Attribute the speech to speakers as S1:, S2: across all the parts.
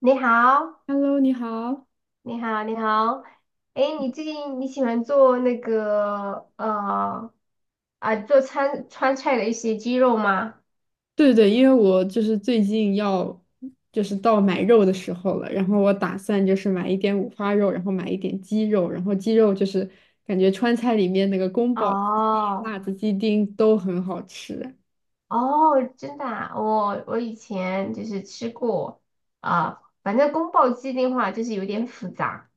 S1: 你好，
S2: Hello，你好。
S1: 你好，你好。哎，你最近喜欢做川菜的一些鸡肉吗？
S2: 对对，因为我就是最近要就是到买肉的时候了，然后我打算就是买一点五花肉，然后买一点鸡肉，然后鸡肉就是感觉川菜里面那个宫保鸡丁、
S1: 哦
S2: 辣子鸡丁都很好吃。
S1: 哦，真的啊我以前就是吃过啊、反正宫保鸡丁的话就是有点复杂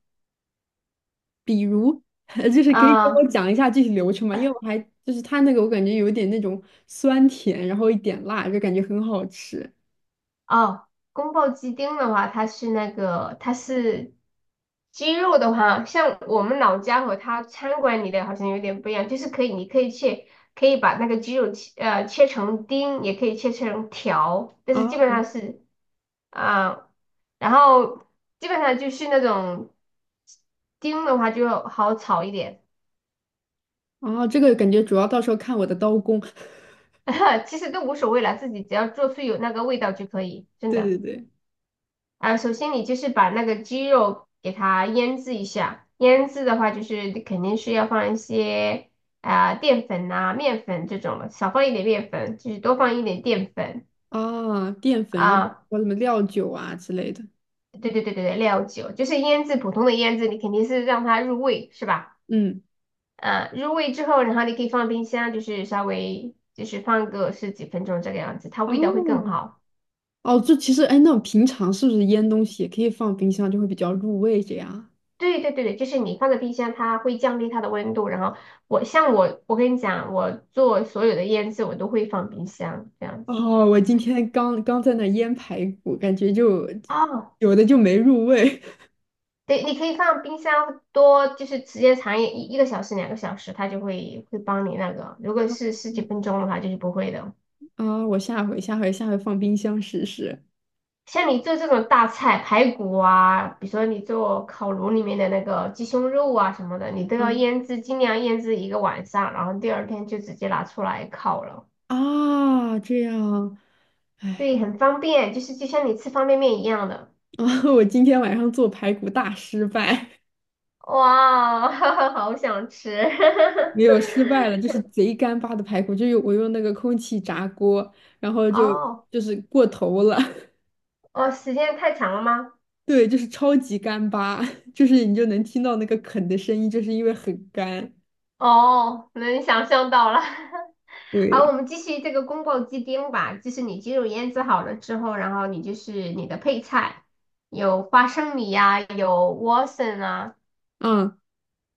S2: 比如，就是可以跟我
S1: 啊、
S2: 讲一下具体流程吗？因为我还就是它那个我感觉有一点那种酸甜，然后一点辣，就感觉很好吃。
S1: 哦，宫保鸡丁的话，它是那个，它是鸡肉的话，像我们老家和它餐馆里的好像有点不一样，就是可以，你可以切，可以把那个鸡肉切，切成丁，也可以切成条，但
S2: 啊
S1: 是
S2: 啊！
S1: 基本上是，啊、然后基本上就是那种丁的话就好炒一点，
S2: 然后这个感觉主要到时候看我的刀工。
S1: 其实都无所谓了，自己只要做出有那个味道就可以，真
S2: 对对
S1: 的。
S2: 对。
S1: 啊，首先你就是把那个鸡肉给它腌制一下，腌制的话就是肯定是要放一些淀粉呐、面粉这种的，少放一点面粉，就是多放一点淀粉
S2: 啊，淀粉，然后
S1: 啊。
S2: 和什么料酒啊之类的。
S1: 对对对对对，料酒就是腌制，普通的腌制，你肯定是让它入味，是吧？
S2: 嗯，
S1: 啊，入味之后，然后你可以放冰箱，就是稍微就是放个十几分钟这个样子，它味道会更
S2: 哦
S1: 好。
S2: 哦，这其实哎，那平常是不是腌东西也可以放冰箱，就会比较入味这样啊？
S1: 对对对对，就是你放在冰箱，它会降低它的温度。然后我跟你讲，我做所有的腌制，我都会放冰箱这样子。
S2: 哦，我今天刚刚在那腌排骨，感觉就
S1: 哦，
S2: 有的就没入味。
S1: 对，你可以放冰箱多，就是时间长一个小时、2个小时，它就会帮你那个。如果 是十几
S2: 嗯
S1: 分钟的话，就是不会的。
S2: 啊，我下回放冰箱试试。
S1: 像你做这种大菜，排骨啊，比如说你做烤炉里面的那个鸡胸肉啊什么的，你都要
S2: 嗯
S1: 腌制，尽量腌制一个晚上，然后第二天就直接拿出来烤了。
S2: 啊，这样，
S1: 对，很方便，就是就像你吃方便面一样的。
S2: 我今天晚上做排骨大失败。
S1: 哇，好想吃！
S2: 没有失败了，就是贼干巴的排骨，我用那个空气炸锅，然后就
S1: 哦
S2: 就是过头了，
S1: 哦，时间太长了吗？
S2: 对，就是超级干巴，就是你就能听到那个啃的声音，就是因为很干，
S1: 哦，能想象到了。好，我
S2: 对，
S1: 们继续这个宫爆鸡丁吧。就是你鸡肉腌制好了之后，然后你就是你的配菜，有花生米呀、有莴笋啊。
S2: 嗯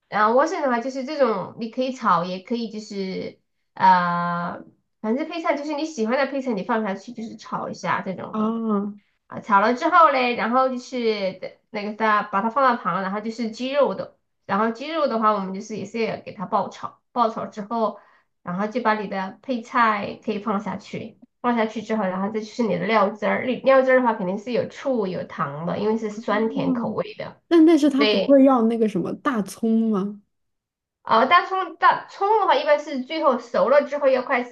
S1: 然后莴笋的话，就是这种你可以炒，也可以就是呃，反正配菜就是你喜欢的配菜，你放下去就是炒一下这种的。
S2: 啊
S1: 啊，炒了之后嘞，然后就是的那个它把它放到旁，然后鸡肉的话，我们就是也是要给它爆炒，爆炒之后，然后就把你的配菜可以放下去，放下去之后，然后再就是你的料汁儿，你料汁儿的话肯定是有醋有糖的，因为是酸甜口
S2: 嗯，
S1: 味的。
S2: 但是他不
S1: 对，
S2: 会要那个什么大葱吗？
S1: 大葱的话，一般是最后熟了之后要快，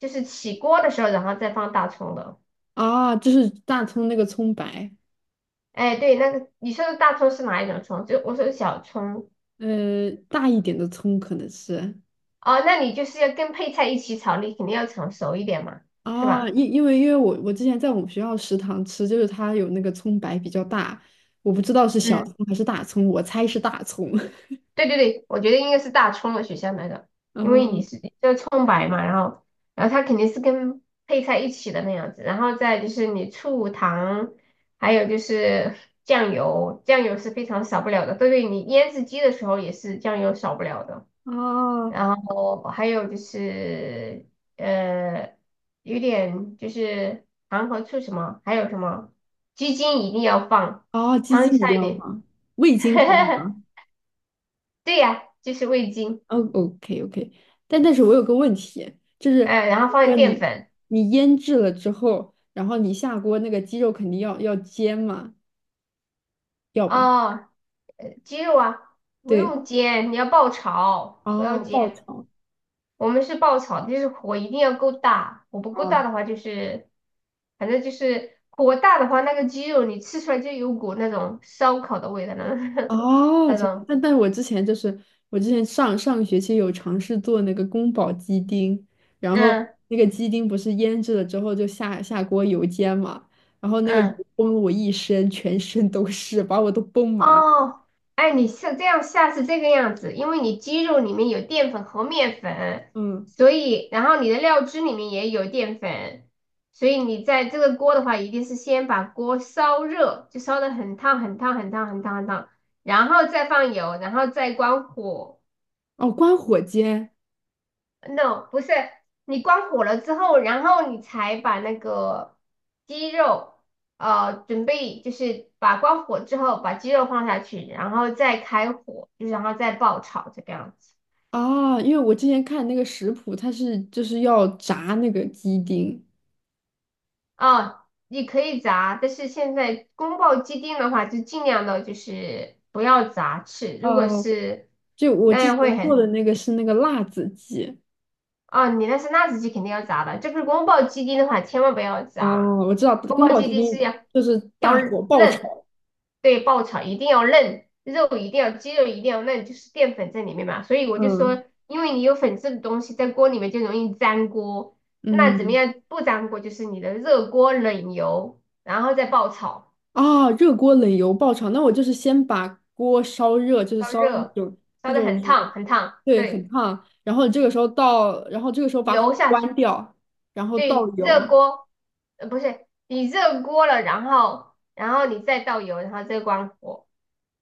S1: 就是起锅的时候，然后再放大葱的。
S2: 啊，就是大葱那个葱白，
S1: 哎，对，那个你说的大葱是哪一种葱？就我说的小葱。
S2: 大一点的葱可能是。
S1: 哦，那你就是要跟配菜一起炒，你肯定要炒熟一点嘛，是
S2: 啊，
S1: 吧？
S2: 因为我之前在我们学校食堂吃，就是它有那个葱白比较大，我不知道是小
S1: 嗯，
S2: 葱还是大葱，我猜是大葱。
S1: 对对对，我觉得应该是大葱的选项那个，因为你
S2: 嗯，
S1: 是就葱白嘛，然后它肯定是跟配菜一起的那样子，然后再就是你醋、糖，还有就是酱油，酱油是非常少不了的。对对，你腌制鸡的时候也是酱油少不了的。
S2: 啊
S1: 然后还有就是呃，有点就是糖和醋什么，还有什么鸡精一定要放，
S2: 哦，鸡
S1: 川
S2: 精一定
S1: 菜
S2: 要
S1: 里
S2: 放，味精可以吗？
S1: 对呀，就是味精，
S2: 哦，OK OK，但是我有个问题，就是
S1: 然后
S2: 比如
S1: 放点
S2: 说
S1: 淀
S2: 你
S1: 粉，
S2: 你腌制了之后，然后你下锅那个鸡肉肯定要煎嘛，要吧？
S1: 哦，鸡肉啊，不
S2: 对，
S1: 用煎，你要爆炒，不要
S2: 哦，爆
S1: 煎。
S2: 炒。
S1: 我们是爆炒的，就是火一定要够大，火不够
S2: 哦，
S1: 大的话就是，反正就是火大的话，那个鸡肉你吃出来就有股那种烧烤的味道了，
S2: 哦，
S1: 那
S2: 这
S1: 种，
S2: 但我之前上个学期有尝试做那个宫保鸡丁，然后
S1: 嗯
S2: 那个鸡丁不是腌制了之后就下锅油煎嘛，然后那个油
S1: 嗯。
S2: 崩了我一身，全身都是，把我都崩麻。
S1: 哦，哎，你是这样下是这个样子，因为你鸡肉里面有淀粉和面粉，
S2: 嗯，
S1: 所以然后你的料汁里面也有淀粉，所以你在这个锅的话，一定是先把锅烧热，就烧的很烫很烫很烫很烫很烫，然后再放油，然后再关火。
S2: 哦，关火煎
S1: No，不是，你关火了之后，然后你才把那个鸡肉，准备就是把关火之后把鸡肉放下去，然后再开火，就是然后再爆炒这个样子。
S2: 啊，因为我之前看那个食谱，它是就是要炸那个鸡丁。
S1: 哦，你可以炸，但是现在宫爆鸡丁的话，就尽量的就是不要炸翅，如果
S2: 哦，
S1: 是
S2: 就我
S1: 那
S2: 之
S1: 样
S2: 前
S1: 会
S2: 做
S1: 很。
S2: 的那个是那个辣子鸡。
S1: 哦，你那是辣子鸡肯定要炸的，这个宫保鸡丁的话千万不要炸，
S2: 哦，我知道
S1: 宫
S2: 宫
S1: 保
S2: 保
S1: 鸡
S2: 鸡
S1: 丁是
S2: 丁
S1: 要
S2: 就是
S1: 要
S2: 大火爆
S1: 嫩，
S2: 炒。
S1: 对，爆炒一定要嫩，肉一定要鸡肉一定要嫩，就是淀粉在里面嘛，所以我就
S2: 嗯。
S1: 说，因为你有粉质的东西在锅里面就容易粘锅，那怎么
S2: 嗯，
S1: 样不粘锅？就是你的热锅冷油，然后再爆炒，
S2: 啊，热锅冷油爆炒，那我就是先把锅烧热，就是
S1: 烧
S2: 烧到那
S1: 热，
S2: 种
S1: 烧
S2: 那
S1: 得
S2: 种
S1: 很
S2: 就
S1: 烫
S2: 是，
S1: 很烫，
S2: 对，很
S1: 对，
S2: 烫，然后你这个时候倒，然后这个时候把火
S1: 油下去。
S2: 关掉，然后倒
S1: 对，热
S2: 油，
S1: 锅，不是，你热锅了，然后你再倒油，然后再关火。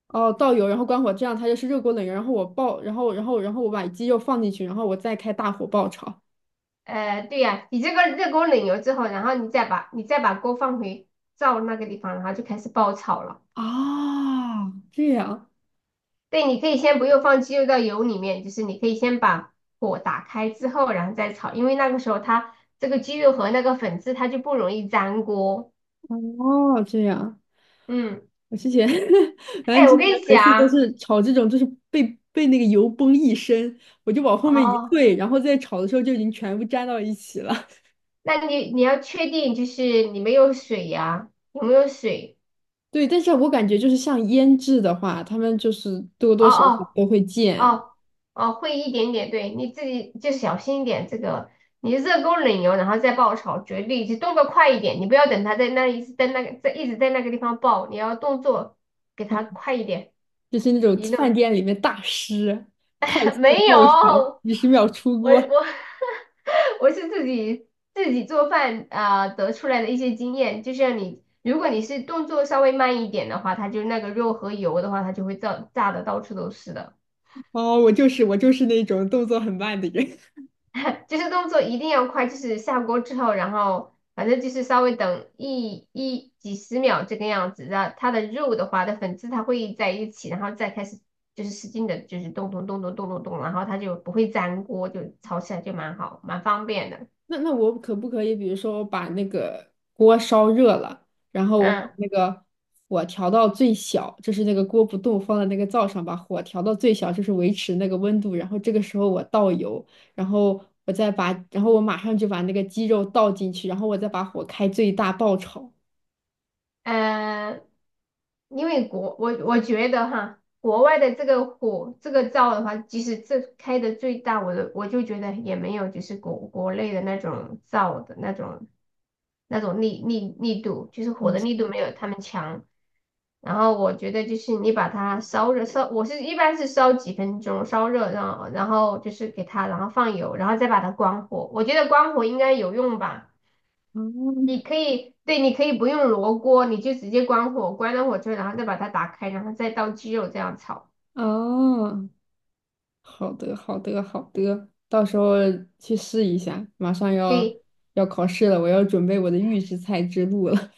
S2: 哦，倒油，然后关火，这样它就是热锅冷油，然后我爆，然后我把鸡肉放进去，然后我再开大火爆炒。
S1: 对呀、你这个热锅冷油之后，然后你再把锅放回灶那个地方，然后就开始爆炒了。
S2: 啊，这样，
S1: 对，你可以先不用放鸡肉到油里面，就是你可以先把火打开之后，然后再炒，因为那个时候它这个鸡肉和那个粉质它就不容易粘锅。
S2: 哦，这样。
S1: 嗯，
S2: 我之前 反正
S1: 哎，我
S2: 之
S1: 跟
S2: 前
S1: 你
S2: 每次都
S1: 讲，
S2: 是炒这种，就是被那个油崩一身，我就往后面一
S1: 哦，
S2: 退，然后再炒的时候就已经全部粘到一起了。
S1: 那你要确定就是你没有水呀、有没有水？
S2: 对，但是我感觉就是像腌制的话，他们就是多
S1: 哦
S2: 多少少
S1: 哦
S2: 都会溅，
S1: 哦哦，会一点点，对，你自己就小心一点。这个你热锅冷油，然后再爆炒，绝对就动作快一点，你不要等它在那里一直在那个地方爆，你要动作给
S2: 嗯，
S1: 它快一点。
S2: 就是那种
S1: 移动
S2: 饭店里面大师快 速
S1: 没有，
S2: 爆炒，
S1: 我
S2: 几十秒出锅。
S1: 我 我是自己做饭啊、得出来的一些经验，就像你，如果你是动作稍微慢一点的话，它就那个肉和油的话，它就会炸的到处都是的。
S2: 哦，我就是那种动作很慢的人。
S1: 就是动作一定要快，就是下锅之后，然后反正就是稍微等一几十秒这个样子，然后它的肉的话的粉质它会在一起，然后再开始就是使劲的，就是动动动动动动动，然后它就不会粘锅，就炒起来就蛮好，蛮方便的。
S2: 那我可不可以，比如说我把那个锅烧热了，然后我把
S1: 嗯。
S2: 那个火调到最小，就是那个锅不动，放在那个灶上，把火调到最小，就是维持那个温度。然后这个时候我倒油，然后我再把，然后我马上就把那个鸡肉倒进去，然后我再把火开最大爆炒。
S1: 呃，因为我觉得哈，国外的这个火这个灶的话，即使这开的最大，我就觉得也没有就是国内的那种灶的那种力度，就是火
S2: 哦，
S1: 的
S2: 是
S1: 力度
S2: 的。
S1: 没有他们强。然后我觉得就是你把它烧热，我一般是烧几分钟，烧热，然后就是给它，然后放油，然后再把它关火。我觉得关火应该有用吧。
S2: 嗯，
S1: 你可以，对，你可以不用罗锅，你就直接关火，关了火之后，然后再把它打开，然后再倒鸡肉这样炒。
S2: 哦，好的，好的，好的，到时候去试一下。马上要
S1: 对，
S2: 要考试了，我要准备我的预制菜之路了。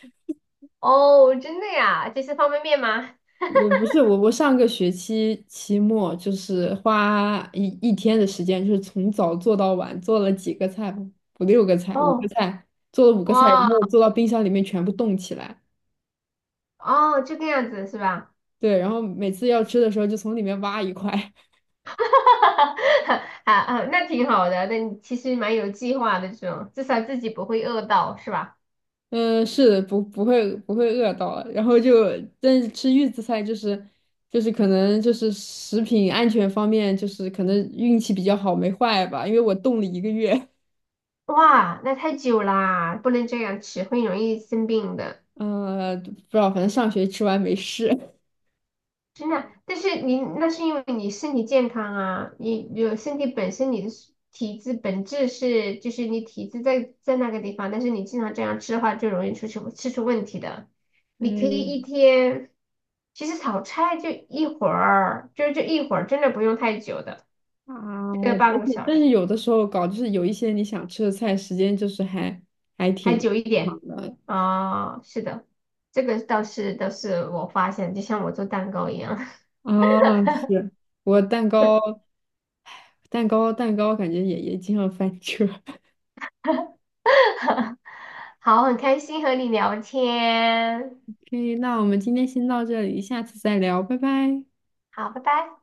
S1: 哦，真的呀，这是方便面吗？
S2: 也不是我，我上个学期期末就是花一天的时间，就是从早做到晚，做了几个菜，五六个菜，五个
S1: 哦，
S2: 菜，做了五个菜，然
S1: 哇，
S2: 后做到冰箱里面全部冻起来。
S1: 哦，这个样子是吧？
S2: 对，然后每次要吃的时候就从里面挖一块。
S1: 啊啊，那挺好的，那你其实蛮有计划的这种，至少自己不会饿到，是吧？
S2: 嗯，是的，不会饿到了然后就，但是吃预制菜就是可能就是食品安全方面就是可能运气比较好没坏吧，因为我冻了一个月。
S1: 哇，那太久啦，不能这样吃，会容易生病的。
S2: 不知道，反正上学吃完没事。
S1: 真的，但是你那是因为你身体健康啊，你有身体本身你的是体质本质是就是你体质在那个地方，但是你经常这样吃的话，就容易吃出问题的。你可以
S2: 哎
S1: 一天，其实炒菜就一会儿，就是这一会儿，真的不用太久的，
S2: 啊，
S1: 这个
S2: 但
S1: 半个
S2: 是
S1: 小
S2: 但
S1: 时
S2: 是有的时候就是有一些你想吃的菜，时间就是还
S1: 还
S2: 挺
S1: 久一点
S2: 长的
S1: 是的，这个倒是我发现，就像我做蛋糕一样。
S2: 啊。是我蛋糕，感觉也经常翻车。
S1: 好，很开心和你聊天。
S2: OK，那我们今天先到这里，下次再聊，拜拜。
S1: 好，拜拜。